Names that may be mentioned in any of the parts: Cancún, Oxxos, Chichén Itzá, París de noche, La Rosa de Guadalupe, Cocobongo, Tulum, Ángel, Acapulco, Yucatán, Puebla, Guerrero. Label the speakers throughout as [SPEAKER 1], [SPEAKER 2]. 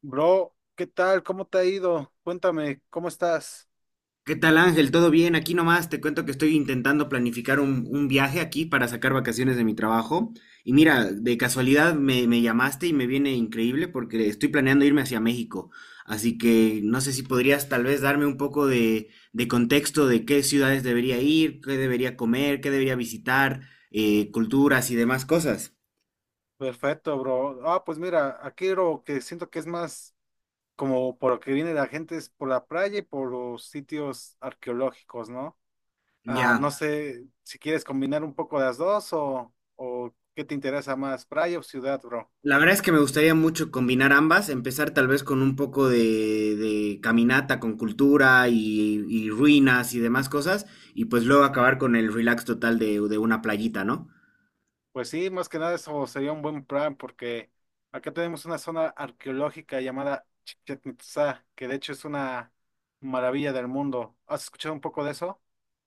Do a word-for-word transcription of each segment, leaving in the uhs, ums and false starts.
[SPEAKER 1] Bro, ¿qué tal? ¿Cómo te ha ido? Cuéntame, ¿cómo estás?
[SPEAKER 2] ¿Qué tal Ángel? ¿Todo bien? Aquí nomás te cuento que estoy intentando planificar un, un viaje aquí para sacar vacaciones de mi trabajo. Y mira, de casualidad me, me llamaste y me viene increíble porque estoy planeando irme hacia México. Así que no sé si podrías tal vez darme un poco de, de contexto de qué ciudades debería ir, qué debería comer, qué debería visitar, eh, culturas y demás cosas.
[SPEAKER 1] Perfecto, bro. Ah, pues mira, aquí lo que siento que es más como por lo que viene la gente es por la playa y por los sitios arqueológicos, ¿no? Ah,
[SPEAKER 2] Ya.
[SPEAKER 1] no sé si quieres combinar un poco las dos o, o qué te interesa más, playa o ciudad, bro.
[SPEAKER 2] La verdad es que me gustaría mucho combinar ambas, empezar tal vez con un poco de, de caminata con cultura y, y ruinas y demás cosas, y pues luego acabar con el relax total de, de una playita, ¿no?
[SPEAKER 1] Pues sí, más que nada eso sería un buen plan porque acá tenemos una zona arqueológica llamada Chichén Itzá, que de hecho es una maravilla del mundo. ¿Has escuchado un poco de eso?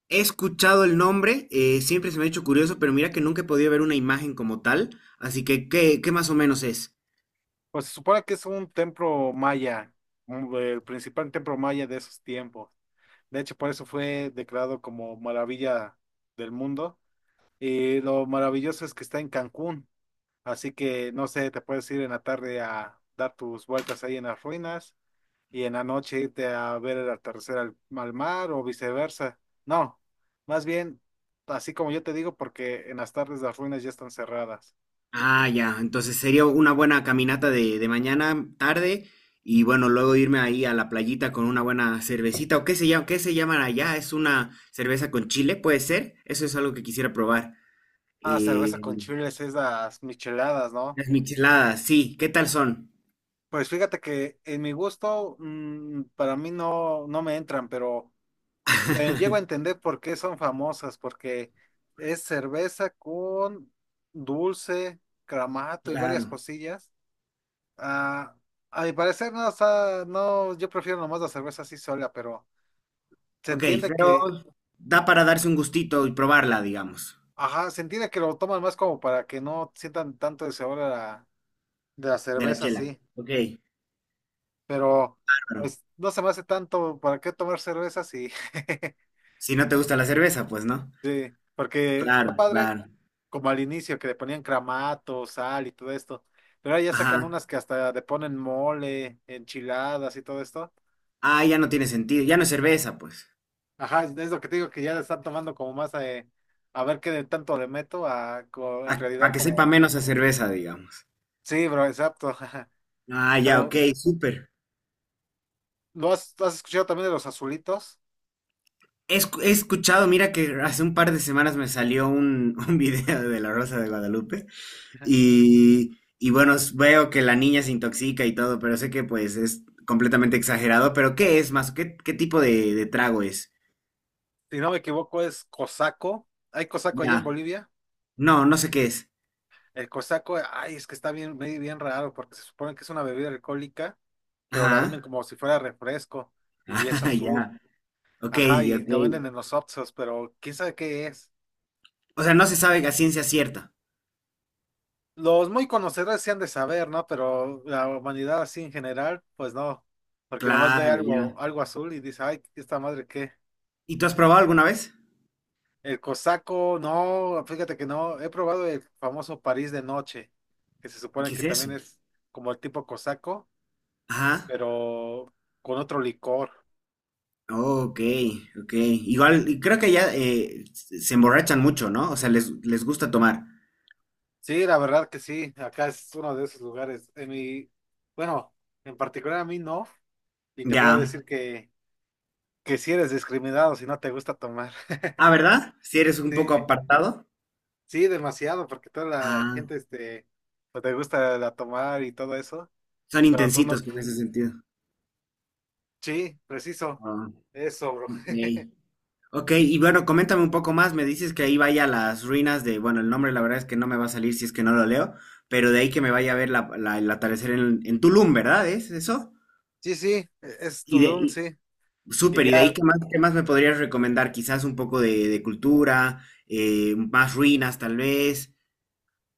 [SPEAKER 2] He escuchado el nombre, eh, siempre se me ha hecho curioso, pero mira que nunca he podido ver una imagen como tal, así que ¿qué, qué más o menos es?
[SPEAKER 1] Pues se supone que es un templo maya, un- el principal templo maya de esos tiempos. De hecho, por eso fue declarado como maravilla del mundo. Y lo maravilloso es que está en Cancún. Así que, no sé, te puedes ir en la tarde a dar tus vueltas ahí en las ruinas y en la noche irte a ver el atardecer al, al mar o viceversa. No, más bien, así como yo te digo, porque en las tardes las ruinas ya están cerradas.
[SPEAKER 2] Ah, ya. Entonces sería una buena caminata de, de mañana, tarde, y bueno, luego irme ahí a la playita con una buena cervecita. ¿O qué se llama, qué se llaman allá? ¿Es una cerveza con chile? ¿Puede ser? Eso es algo que quisiera probar.
[SPEAKER 1] Ah, cerveza
[SPEAKER 2] Eh,
[SPEAKER 1] con chiles, esas micheladas, ¿no?
[SPEAKER 2] las micheladas, sí. ¿Qué tal son?
[SPEAKER 1] Pues fíjate que en mi gusto, mm, para mí no, no me entran, pero eh, llego a entender por qué son famosas, porque es cerveza con dulce, cramato y varias
[SPEAKER 2] Claro.
[SPEAKER 1] cosillas. Ah, a mi parecer no, o sea, no, yo prefiero nomás la cerveza así sola, pero se
[SPEAKER 2] Ok,
[SPEAKER 1] entiende
[SPEAKER 2] pero
[SPEAKER 1] que,
[SPEAKER 2] da para darse un gustito y probarla, digamos,
[SPEAKER 1] ajá, se entiende que lo toman más como para que no sientan tanto el sabor de la, de la
[SPEAKER 2] de la
[SPEAKER 1] cerveza
[SPEAKER 2] chela.
[SPEAKER 1] así,
[SPEAKER 2] Ok,
[SPEAKER 1] pero
[SPEAKER 2] claro.
[SPEAKER 1] pues no se me hace tanto para qué tomar cerveza así.
[SPEAKER 2] Si no te gusta la cerveza, pues no.
[SPEAKER 1] Sí, porque está
[SPEAKER 2] Claro,
[SPEAKER 1] padre
[SPEAKER 2] claro.
[SPEAKER 1] como al inicio que le ponían cramato, sal y todo esto. Pero ahora ya sacan unas
[SPEAKER 2] Ajá.
[SPEAKER 1] que hasta le ponen mole, enchiladas y todo esto.
[SPEAKER 2] Ah, ya no tiene sentido. Ya no es cerveza, pues.
[SPEAKER 1] Ajá, es lo que te digo que ya le están tomando como más a, a ver qué de tanto le meto a co- en
[SPEAKER 2] Para
[SPEAKER 1] realidad
[SPEAKER 2] que sepa
[SPEAKER 1] como
[SPEAKER 2] menos a cerveza, digamos.
[SPEAKER 1] sí, bro, exacto.
[SPEAKER 2] Ah, ya, ok,
[SPEAKER 1] Pero
[SPEAKER 2] súper.
[SPEAKER 1] ¿lo has, has escuchado también de los azulitos?
[SPEAKER 2] He, escu- he escuchado, mira que hace un par de semanas me salió un, un video de La Rosa de Guadalupe y, y bueno, s- veo que la niña se intoxica y todo, pero sé que pues es completamente exagerado, pero ¿qué es más? ¿Qué, qué tipo de, de trago es?
[SPEAKER 1] Si no me equivoco es cosaco. Hay cosaco allá en
[SPEAKER 2] Ya,
[SPEAKER 1] Bolivia.
[SPEAKER 2] no, no sé qué es.
[SPEAKER 1] El cosaco, ay, es que está bien, bien bien raro porque se supone que es una bebida alcohólica pero la venden
[SPEAKER 2] Ajá,
[SPEAKER 1] como si fuera refresco y es
[SPEAKER 2] ah, ya,
[SPEAKER 1] azul.
[SPEAKER 2] ok,
[SPEAKER 1] Ajá, y
[SPEAKER 2] ok.
[SPEAKER 1] lo venden en los Oxxos, pero quién sabe qué es.
[SPEAKER 2] O sea, no se sabe a ciencia cierta.
[SPEAKER 1] Los muy conocedores sí han de saber, ¿no? Pero la humanidad así en general, pues no. Porque nomás ve
[SPEAKER 2] Claro,
[SPEAKER 1] algo,
[SPEAKER 2] ya.
[SPEAKER 1] algo azul y dice, ay, esta madre qué.
[SPEAKER 2] ¿Y tú has probado alguna vez?
[SPEAKER 1] El cosaco, no, fíjate que no. He probado el famoso París de noche, que se
[SPEAKER 2] ¿Y
[SPEAKER 1] supone
[SPEAKER 2] qué
[SPEAKER 1] que
[SPEAKER 2] es eso?
[SPEAKER 1] también es como el tipo cosaco,
[SPEAKER 2] Ajá.
[SPEAKER 1] pero con otro licor.
[SPEAKER 2] Ok, ok. Igual, y creo que ya eh, se emborrachan mucho, ¿no? O sea, les, les gusta tomar.
[SPEAKER 1] Sí, la verdad que sí, acá es uno de esos lugares. En mi, bueno, en particular a mí no, y te puedo
[SPEAKER 2] Ya.
[SPEAKER 1] decir que, que si eres discriminado si no te gusta tomar.
[SPEAKER 2] Ah, ¿verdad? Si eres un poco
[SPEAKER 1] Sí,
[SPEAKER 2] apartado.
[SPEAKER 1] sí, demasiado, porque toda la
[SPEAKER 2] Ah,
[SPEAKER 1] gente, este, no te gusta la tomar y todo eso,
[SPEAKER 2] son
[SPEAKER 1] y cuando tú no,
[SPEAKER 2] intensitos en ese sentido.
[SPEAKER 1] sí, preciso,
[SPEAKER 2] Ah,
[SPEAKER 1] eso, bro.
[SPEAKER 2] ok. Ok, y bueno, coméntame un poco más. Me dices que ahí vaya a las ruinas de, bueno, el nombre la verdad es que no me va a salir si es que no lo leo, pero de ahí que me vaya a ver la, la- el atardecer en, en Tulum, ¿verdad? ¿Es eso?
[SPEAKER 1] Sí, sí, e-, es Tulum, sí, que
[SPEAKER 2] Súper, y de ahí,
[SPEAKER 1] ya,
[SPEAKER 2] ¿qué más, qué más me podrías recomendar? Quizás un poco de, de cultura, eh, más ruinas tal vez.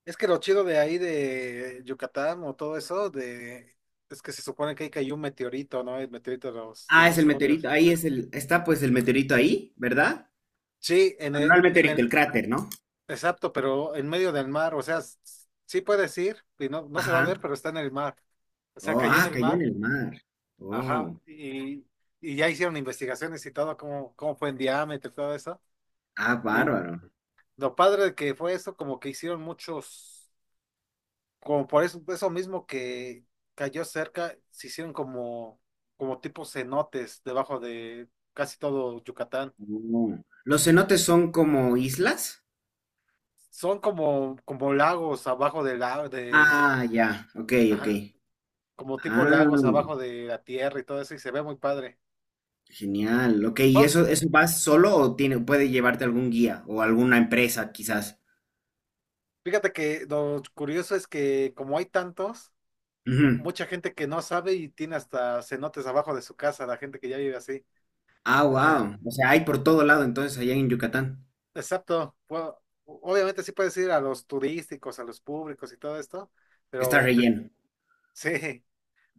[SPEAKER 1] es que lo chido de ahí de Yucatán o todo eso, de, es que se supone que ahí cayó un meteorito, ¿no? El meteorito de los
[SPEAKER 2] Ah, es el meteorito,
[SPEAKER 1] dinosaurios.
[SPEAKER 2] ahí es el, está pues el meteorito ahí, ¿verdad?
[SPEAKER 1] Sí, en
[SPEAKER 2] Bueno, no
[SPEAKER 1] el,
[SPEAKER 2] el
[SPEAKER 1] en
[SPEAKER 2] meteorito, el
[SPEAKER 1] el,
[SPEAKER 2] cráter, ¿no?
[SPEAKER 1] exacto, pero en medio del mar, o sea, s- sí puedes ir, y no, no se va a ver,
[SPEAKER 2] Ajá.
[SPEAKER 1] pero está en el mar. O sea,
[SPEAKER 2] Oh,
[SPEAKER 1] cayó en
[SPEAKER 2] ah,
[SPEAKER 1] el
[SPEAKER 2] cayó
[SPEAKER 1] mar,
[SPEAKER 2] en el mar.
[SPEAKER 1] ajá,
[SPEAKER 2] Oh,
[SPEAKER 1] y, y ya hicieron investigaciones y todo, cómo, cómo fue en diámetro y todo eso.
[SPEAKER 2] ah,
[SPEAKER 1] Y
[SPEAKER 2] bárbaro.
[SPEAKER 1] lo padre de que fue eso, como que hicieron muchos, como por eso, eso mismo que cayó cerca, se hicieron como, como tipo cenotes debajo de casi todo Yucatán.
[SPEAKER 2] Oh. ¿Los cenotes son como islas?
[SPEAKER 1] Son como, como lagos abajo del lago, de...
[SPEAKER 2] Ah, ya, ok, ok.
[SPEAKER 1] ajá, como tipo lagos
[SPEAKER 2] Ah,
[SPEAKER 1] abajo de la tierra y todo eso, y se ve muy padre.
[SPEAKER 2] genial, ok. ¿Y
[SPEAKER 1] Bueno,
[SPEAKER 2] eso, eso vas solo o tiene, puede llevarte algún guía o alguna empresa quizás?
[SPEAKER 1] fíjate que lo curioso es que como hay tantos,
[SPEAKER 2] Ujú.
[SPEAKER 1] mucha gente que no sabe y tiene hasta cenotes abajo de su casa, la gente que ya vive así.
[SPEAKER 2] Ah,
[SPEAKER 1] Ajá.
[SPEAKER 2] wow. O sea, hay por todo lado entonces allá en Yucatán.
[SPEAKER 1] Exacto. Bueno, obviamente sí puedes ir a los turísticos, a los públicos y todo esto,
[SPEAKER 2] Está
[SPEAKER 1] pero
[SPEAKER 2] relleno.
[SPEAKER 1] sí,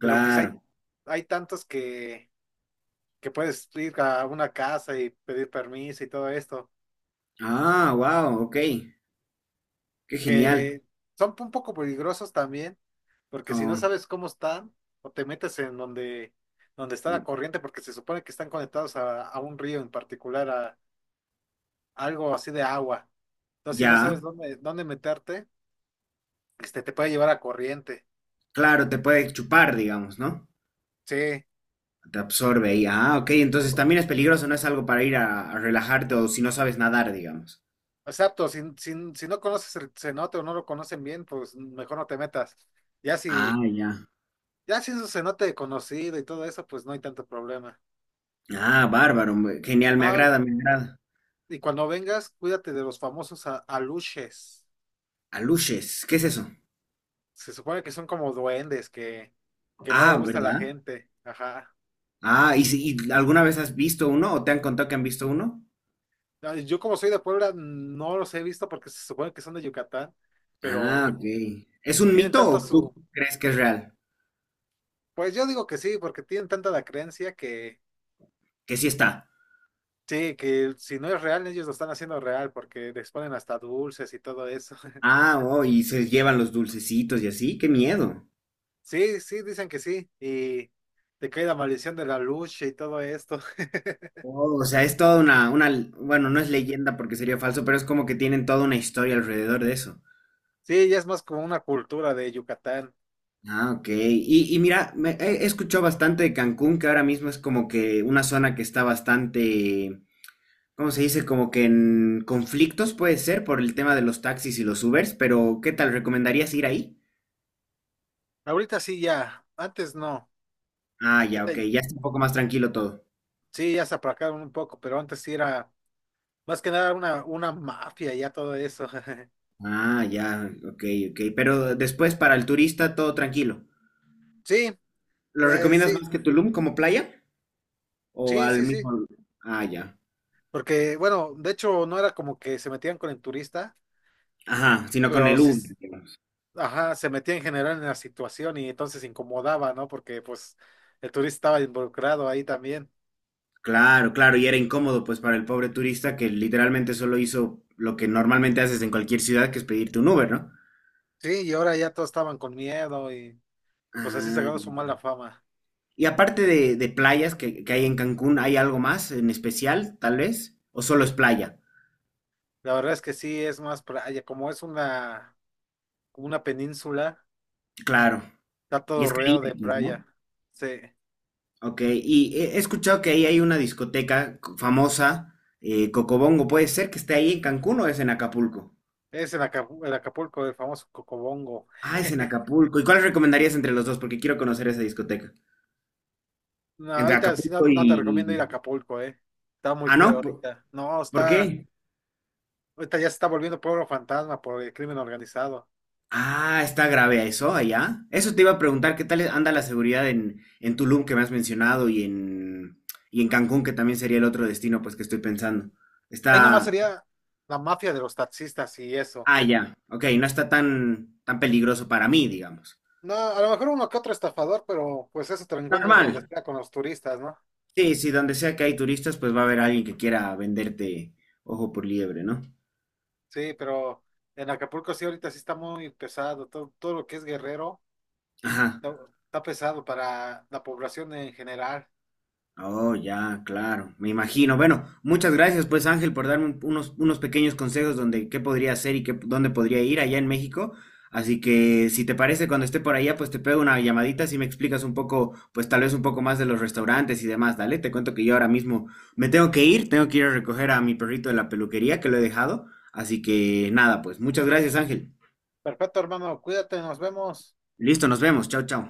[SPEAKER 1] pero pues hay, hay tantos que, que puedes ir a una casa y pedir permiso y todo esto,
[SPEAKER 2] Ah, wow, ok. Qué genial.
[SPEAKER 1] que son un poco peligrosos también. Porque si no
[SPEAKER 2] Oh,
[SPEAKER 1] sabes cómo están, o te metes en donde, donde está la
[SPEAKER 2] mm,
[SPEAKER 1] corriente, porque se supone que están conectados a, a un río en particular, a, algo así de agua. Entonces, si no sabes
[SPEAKER 2] ya.
[SPEAKER 1] dónde, dónde meterte, este, te puede llevar a corriente.
[SPEAKER 2] Claro, te puede chupar, digamos, ¿no?
[SPEAKER 1] Sí,
[SPEAKER 2] Te absorbe ahí. Ah, ok. Entonces también es peligroso, no es algo para ir a, a relajarte o si no sabes nadar, digamos.
[SPEAKER 1] exacto. Si, si, si no conoces el cenote o no lo conocen bien, pues mejor no te metas. Ya
[SPEAKER 2] Ah,
[SPEAKER 1] si,
[SPEAKER 2] ya.
[SPEAKER 1] ya si es un cenote conocido y todo eso, pues no hay tanto problema.
[SPEAKER 2] Ah, bárbaro. me- Genial, me
[SPEAKER 1] No,
[SPEAKER 2] agrada, me agrada.
[SPEAKER 1] y cuando vengas, cuídate de los famosos a- aluches.
[SPEAKER 2] Aluches, ¿qué es eso?
[SPEAKER 1] Se supone que son como duendes que, que no les
[SPEAKER 2] Ah,
[SPEAKER 1] gusta a la
[SPEAKER 2] ¿verdad?
[SPEAKER 1] gente. Ajá.
[SPEAKER 2] Ah, ¿y, si- y alguna vez has visto uno o te han contado que han visto uno?
[SPEAKER 1] Ay, yo como soy de Puebla, no los he visto porque se supone que son de Yucatán,
[SPEAKER 2] Ah,
[SPEAKER 1] pero
[SPEAKER 2] ok. ¿Es un
[SPEAKER 1] tienen
[SPEAKER 2] mito
[SPEAKER 1] tanto
[SPEAKER 2] o tú
[SPEAKER 1] su...
[SPEAKER 2] crees que es real?
[SPEAKER 1] Pues yo digo que sí, porque tienen tanta la creencia que
[SPEAKER 2] Que sí está.
[SPEAKER 1] sí, que si no es real, ellos lo están haciendo real porque les ponen hasta dulces y todo eso.
[SPEAKER 2] Ah, oh, y se llevan los dulcecitos y así, qué miedo.
[SPEAKER 1] Sí, sí, dicen que sí. Y te cae la maldición de la lucha y todo esto.
[SPEAKER 2] Oh, o sea, es toda una, una, bueno, no es leyenda porque sería falso, pero es como que tienen toda una historia alrededor de eso.
[SPEAKER 1] Sí, ya es más como una cultura de Yucatán.
[SPEAKER 2] Ah, ok. Y, y mira, me- he he escuchado bastante de Cancún, que ahora mismo es como que una zona que está bastante, ¿cómo se dice? Como que en conflictos puede ser por el tema de los taxis y los Ubers, pero ¿qué tal? ¿Recomendarías ir ahí?
[SPEAKER 1] Ahorita sí ya, antes no.
[SPEAKER 2] Ah, ya, ok,
[SPEAKER 1] Ahorita
[SPEAKER 2] ya está un poco más tranquilo todo.
[SPEAKER 1] sí, ya se aplacaron un poco, pero antes sí era más que nada una, una mafia y ya todo eso.
[SPEAKER 2] Ah, ya, ok, ok. Pero después para el turista todo tranquilo.
[SPEAKER 1] Sí,
[SPEAKER 2] ¿Lo
[SPEAKER 1] eh,
[SPEAKER 2] recomiendas más
[SPEAKER 1] sí,
[SPEAKER 2] que Tulum como playa? ¿O
[SPEAKER 1] sí,
[SPEAKER 2] al
[SPEAKER 1] sí,
[SPEAKER 2] mismo?
[SPEAKER 1] sí.
[SPEAKER 2] lu- Ah, ya.
[SPEAKER 1] Porque, bueno, de hecho no era como que se metían con el turista,
[SPEAKER 2] Ajá, sino con
[SPEAKER 1] pero
[SPEAKER 2] el
[SPEAKER 1] sí, s-
[SPEAKER 2] Uber, digamos.
[SPEAKER 1] ajá, se metían en general en la situación y entonces incomodaba, ¿no? Porque pues el turista estaba involucrado ahí también.
[SPEAKER 2] Claro, claro, y era incómodo pues para el pobre turista que literalmente solo hizo lo que normalmente haces en cualquier ciudad, que es pedirte un Uber, ¿no?
[SPEAKER 1] Sí, y ahora ya todos estaban con miedo y pues así se
[SPEAKER 2] Ah,
[SPEAKER 1] ganó su
[SPEAKER 2] ya.
[SPEAKER 1] mala fama.
[SPEAKER 2] Y aparte de, de playas que, que hay en Cancún, ¿hay algo más en especial, tal vez? ¿O solo es playa?
[SPEAKER 1] La verdad es que sí, es más playa, como es una, como una península,
[SPEAKER 2] Claro.
[SPEAKER 1] está
[SPEAKER 2] Y
[SPEAKER 1] todo
[SPEAKER 2] es
[SPEAKER 1] rodeado
[SPEAKER 2] Caribe,
[SPEAKER 1] de
[SPEAKER 2] pues,
[SPEAKER 1] playa.
[SPEAKER 2] ¿no?
[SPEAKER 1] Sí.
[SPEAKER 2] Ok, y he he escuchado que ahí hay una discoteca co- famosa, eh, Cocobongo, ¿puede ser que esté ahí en Cancún o es en Acapulco?
[SPEAKER 1] Es en Acapulco, el Acapulco, el famoso Cocobongo.
[SPEAKER 2] Ah, es en Acapulco. ¿Y cuál recomendarías entre los dos? Porque quiero conocer esa discoteca.
[SPEAKER 1] No,
[SPEAKER 2] Entre
[SPEAKER 1] ahorita sí no,
[SPEAKER 2] Acapulco
[SPEAKER 1] no te recomiendo ir a
[SPEAKER 2] y.
[SPEAKER 1] Acapulco, eh. Está muy
[SPEAKER 2] Ah,
[SPEAKER 1] feo
[SPEAKER 2] ¿no? ¿Por,
[SPEAKER 1] ahorita. No,
[SPEAKER 2] por
[SPEAKER 1] está,
[SPEAKER 2] qué?
[SPEAKER 1] ahorita ya se está volviendo pueblo fantasma por el crimen organizado.
[SPEAKER 2] Ah, está grave eso allá. Eso te iba a preguntar, ¿qué tal anda la seguridad en, en Tulum que me has mencionado y en, y en Cancún, que también sería el otro destino, pues que estoy pensando?
[SPEAKER 1] Ahí nomás
[SPEAKER 2] Está.
[SPEAKER 1] sería la mafia de los taxistas y eso.
[SPEAKER 2] Ah, ya. Ok, no está tan, tan peligroso para mí, digamos.
[SPEAKER 1] No, a lo mejor uno que otro estafador, pero pues eso te lo encuentras donde
[SPEAKER 2] Normal.
[SPEAKER 1] sea con los turistas, ¿no?
[SPEAKER 2] Sí, sí, donde sea que hay turistas, pues va a haber alguien que quiera venderte ojo por liebre, ¿no?
[SPEAKER 1] Sí, pero en Acapulco sí ahorita sí está muy pesado. Todo, todo lo que es Guerrero
[SPEAKER 2] Ajá.
[SPEAKER 1] está, está pesado para la población en general.
[SPEAKER 2] Oh, ya, claro. Me imagino. Bueno, muchas gracias, pues Ángel, por darme un- unos, unos pequeños consejos donde qué podría hacer y qué, dónde podría ir allá en México. Así que, si te parece, cuando esté por allá, pues te pego una llamadita si me explicas un poco, pues tal vez un poco más de los restaurantes y demás. Dale, te cuento que yo ahora mismo me tengo que ir, tengo que ir a recoger a mi perrito de la peluquería que lo he dejado. Así que nada, pues muchas gracias, Ángel.
[SPEAKER 1] Perfecto, hermano, cuídate, nos vemos.
[SPEAKER 2] Listo, nos vemos. Chao, chao.